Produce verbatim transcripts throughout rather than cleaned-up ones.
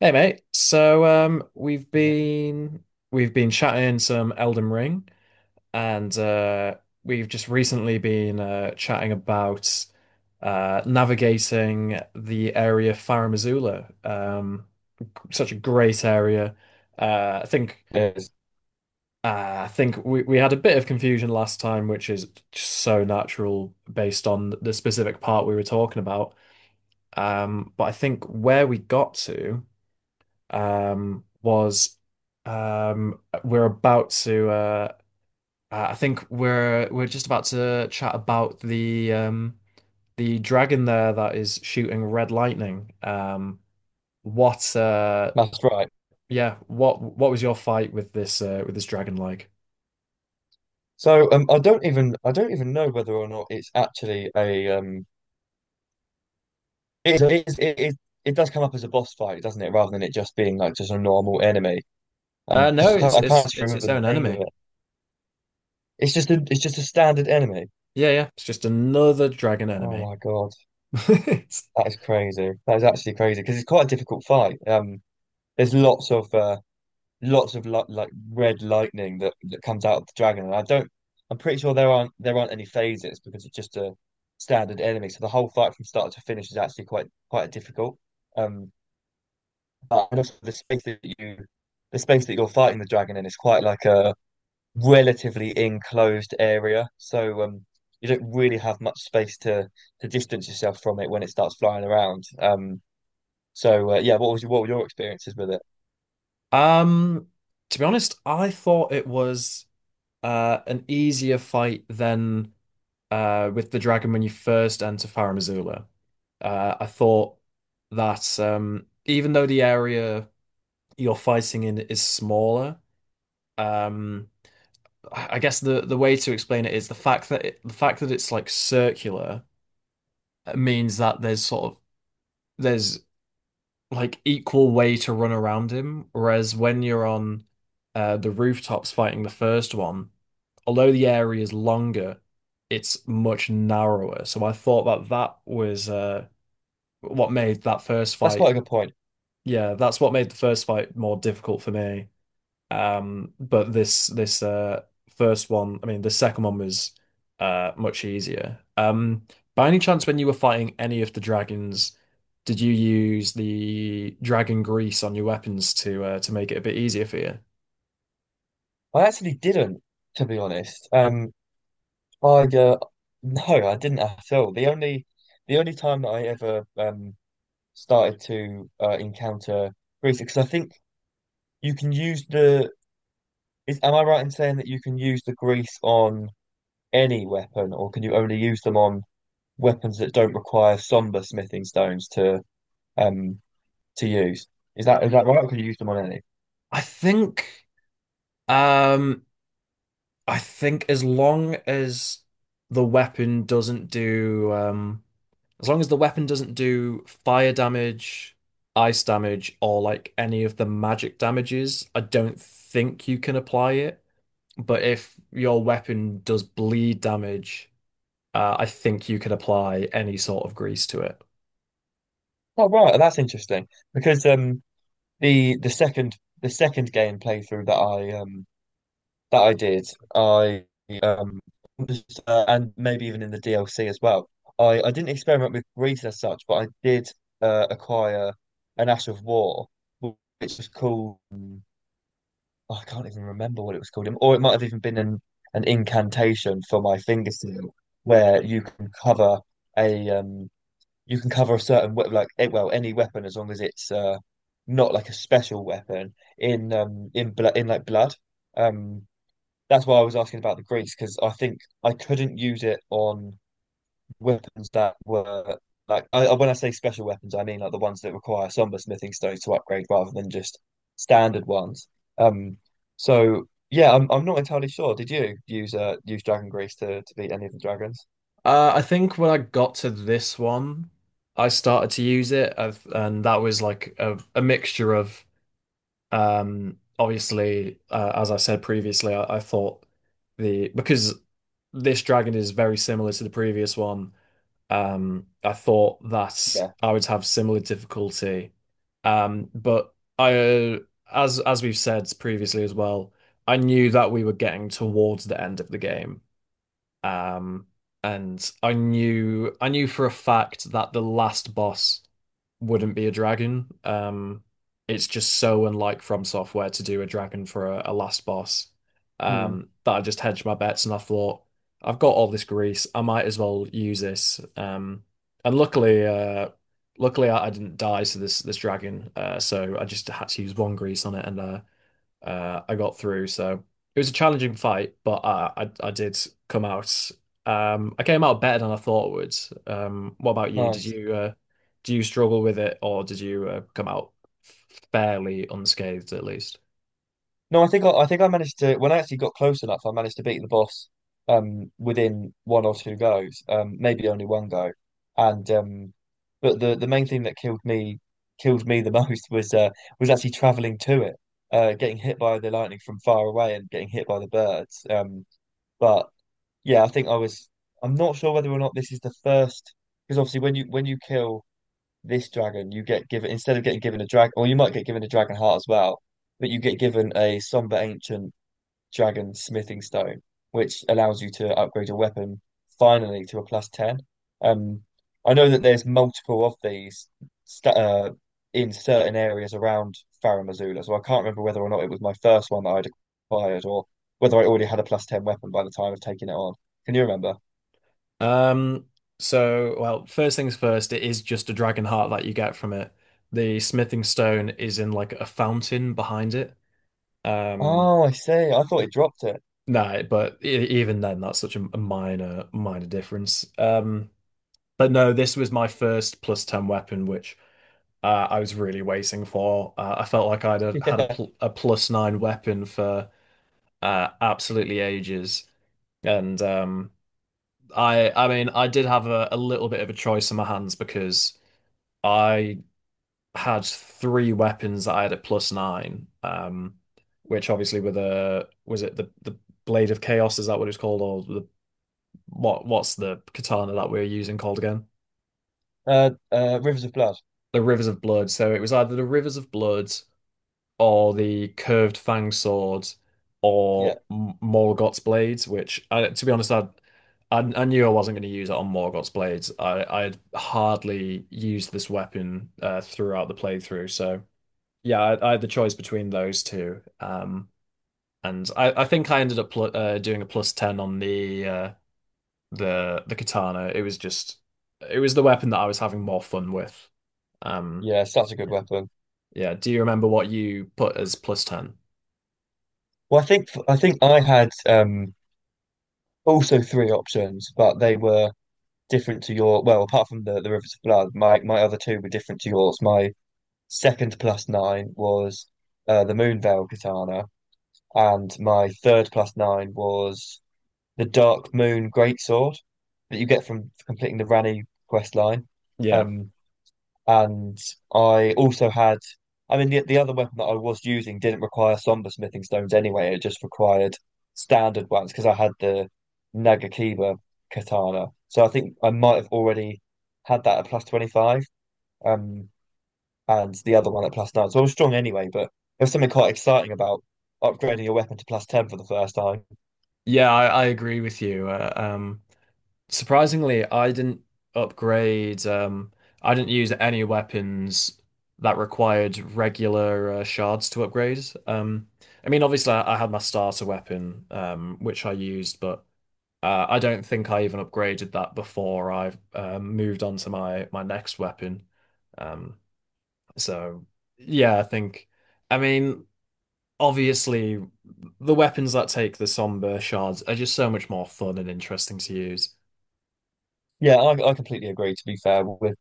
Hey mate, so um, we've Mate. been we've been chatting some Elden Ring, and uh, we've just recently been uh, chatting about uh, navigating the area Farum Azula. Um, such a great area. Uh, I think Yes. uh, I think we, we had a bit of confusion last time, which is just so natural based on the specific part we were talking about. Um, but I think where we got to, um, was, um, we're about to, uh, uh, I think we're we're just about to chat about the um, the dragon there that is shooting red lightning. Um, what uh, That's right. yeah what what was your fight with this uh, with this dragon like? So um, I don't even I don't even know whether or not it's actually a um it it is, it is it does come up as a boss fight, doesn't it? Rather than it just being like just a normal enemy. Um, Uh, no, because I can't, it's I it's can't actually it's its remember the own name of enemy. it. It's just a it's just a standard enemy. Yeah, yeah, it's just another dragon Oh enemy. my God, that is crazy. That is actually crazy because it's quite a difficult fight. Um, there's lots of uh, lots of li like red lightning that that comes out of the dragon, and I don't. I'm pretty sure there aren't there aren't any phases because it's just a standard enemy. So the whole fight from start to finish is actually quite quite difficult. Um, but and also the space that you the space that you're fighting the dragon in is quite like a relatively enclosed area. So um, you don't really have much space to to distance yourself from it when it starts flying around. Um, so uh, yeah, what was your, what were your experiences with it? Um, to be honest, I thought it was uh an easier fight than. Uh, with the dragon when you first enter Farah Missoula. Uh, I thought that, um, even though the area you're fighting in is smaller, um, I guess the, the way to explain it is the fact that it, the fact that it's like circular uh, means that there's sort of there's like equal way to run around him, whereas when you're on uh, the rooftops fighting the first one, although the area is longer, it's much narrower. So I thought that that was uh, what made that first That's quite a fight, good point. yeah, that's what made the first fight more difficult for me. Um, but this this uh first one, I mean, the second one was uh much easier. Um, by any chance, when you were fighting any of the dragons, did you use the dragon grease on your weapons to uh, to make it a bit easier for you? I actually didn't, to be honest. Um, I uh, no, I didn't at all. The only the only time that I ever um started to uh, encounter grease, because I think you can use the is am I right in saying that you can use the grease on any weapon, or can you only use them on weapons that don't require somber smithing stones to um to use? Is that is that right? Or can you use them on any? I think um I think as long as the weapon doesn't do um as long as the weapon doesn't do fire damage, ice damage, or like any of the magic damages, I don't think you can apply it. But if your weapon does bleed damage, uh, I think you can apply any sort of grease to it. Oh, right, that's interesting because um the the second the second game playthrough that I um That I did. I um just, uh, and maybe even in the D L C as well. I I didn't experiment with breeds as such, but I did uh, acquire an Ash of War, wh- which was called um, I can't even remember what it was called, or it might have even been an an incantation for my finger seal, where you can cover a um you can cover a certain we like eh, well any weapon as long as it's uh not like a special weapon in um in blood in like blood. Um, that's why I was asking about the grease because I think I couldn't use it on weapons that were like I, I- when I say special weapons, I mean like the ones that require somber smithing stones to upgrade rather than just standard ones. Um, so yeah, I'm I'm not entirely sure. Did you use uh use dragon grease to to beat any of the dragons? Uh, I think when I got to this one, I started to use it, I've, and that was like a, a mixture of Um, obviously, uh, as I said previously, I, I thought the because this dragon is very similar to the previous one. Um, I thought that Yeah. I would have similar difficulty. Um, but I, uh, as as we've said previously as well, I knew that we were getting towards the end of the game. Um, and I knew I knew for a fact that the last boss wouldn't be a dragon. Um, it's just so unlike From Software to do a dragon for a, a last boss. Hmm. Um, that I just hedged my bets and I thought, I've got all this grease, I might as well use this. Um, and luckily, uh, luckily I, I didn't die to this this dragon. Uh, so I just had to use one grease on it and uh, uh, I got through. So it was a challenging fight, but uh, I I did come out. Um, I came out better than I thought I would. Um, what about you? Did Nice. you uh, do you struggle with it, or did you uh, come out fairly unscathed at least? No, I think I, I think I managed to when I actually got close enough, I managed to beat the boss um within one or two goes, um maybe only one go, and um but the the main thing that killed me killed me the most was uh was actually traveling to it, uh getting hit by the lightning from far away and getting hit by the birds. Um, but yeah, I think I was I'm not sure whether or not this is the first because obviously when you when you kill this dragon you get given instead of getting given a dragon or you might get given a dragon heart as well but you get given a somber ancient dragon smithing stone which allows you to upgrade your weapon finally to a plus ten. um I know that there's multiple of these sta uh, in certain areas around Farum Azula, so I can't remember whether or not it was my first one that I'd acquired or whether I already had a plus ten weapon by the time of taking it on. Can you remember? Um, so well, first things first, it is just a dragon heart that you get from it. The smithing stone is in like a fountain behind it. Um, Oh, I see, I thought it dropped it. no, but e- even then, that's such a a minor, minor difference. Um, But no, this was my first plus ten weapon, which uh, I was really waiting for. Uh, I felt like I'd uh, had a, Yeah. pl a plus nine weapon for uh, absolutely ages. And um, I I mean, I did have a, a little bit of a choice in my hands because I had three weapons that I had at plus nine, um, which obviously were the, was it the, the Blade of Chaos? Is that what it's called? Or the, what, what's the katana that we're using called again? Uh, uh, Rivers of Blood. The Rivers of Blood. So it was either the Rivers of Blood or the Curved Fang Sword Yeah. or M- Morgott's Blades, which, I, to be honest, I, I I knew I wasn't going to use it on Morgott's Blades. I I had hardly used this weapon uh, throughout the playthrough. So yeah, I, I had the choice between those two. Um, and I, I think I ended up pl uh, doing a plus ten on the uh, the the katana. It was just it was the weapon that I was having more fun with. Um, Yeah, such a good weapon. yeah. Do you remember what you put as plus ten? Well, I think I think I had um, also three options, but they were different to your. Well, apart from the the Rivers of Blood, my my other two were different to yours. My second plus nine was uh, the Moonveil Katana, and my third plus nine was the Dark Moon Greatsword that you get from completing the Rani quest line. Yeah. Um, And I also had, I mean, the, the other weapon that I was using didn't require somber smithing stones anyway. It just required standard ones because I had the Nagakiba katana. So I think I might have already had that at plus twenty-five, um, and the other one at plus nine. So I was strong anyway, but there was something quite exciting about upgrading your weapon to plus ten for the first time. Yeah, I, I agree with you. Uh, um, surprisingly, I didn't upgrade, um, I didn't use any weapons that required regular uh, shards to upgrade. Um, I mean, obviously, I, I had my starter weapon, um, which I used, but uh, I don't think I even upgraded that before I um, moved on to my, my next weapon. Um, so, yeah, I think, I mean, obviously the weapons that take the somber shards are just so much more fun and interesting to use. Yeah, I, I completely agree, to be fair, with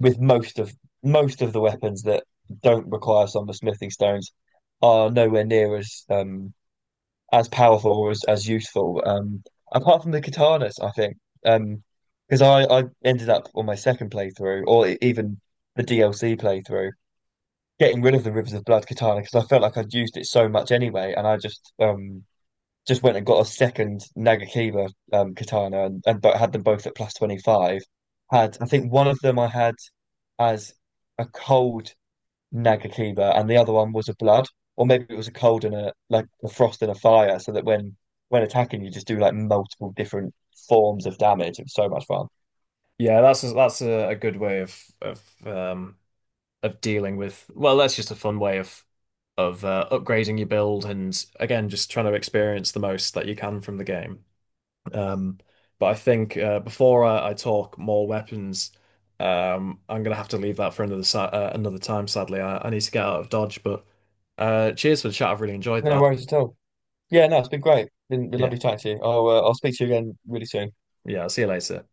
with most of most of the weapons that don't require some of the smithing stones are nowhere near as um as powerful or as, as useful. Um, apart from the katanas, I think. Um, because I I ended up on my second playthrough or e- even the D L C playthrough getting rid of the Rivers of Blood katana because I felt like I'd used it so much anyway, and I just um just went and got a second Nagakiba um, katana and, and had them both at plus twenty-five. Had, I think one of them I had as a cold Nagakiba and the other one was a blood, or maybe it was a cold and a like a frost and a fire, so that when when attacking you just do like multiple different forms of damage. It was so much fun. Yeah, that's a, that's a, a good way of of um of dealing with. Well, that's just a fun way of of uh, upgrading your build and again just trying to experience the most that you can from the game. Um, but I think uh, before I, I talk more weapons, um, I'm gonna have to leave that for another si uh, another time. Sadly, I, I need to get out of Dodge. But uh, cheers for the chat. I've really enjoyed No that. worries at all. Yeah, no, it's been great. Been, been Yeah. lovely chatting to you. I'll uh, I'll speak to you again really soon. Yeah, I'll see you later.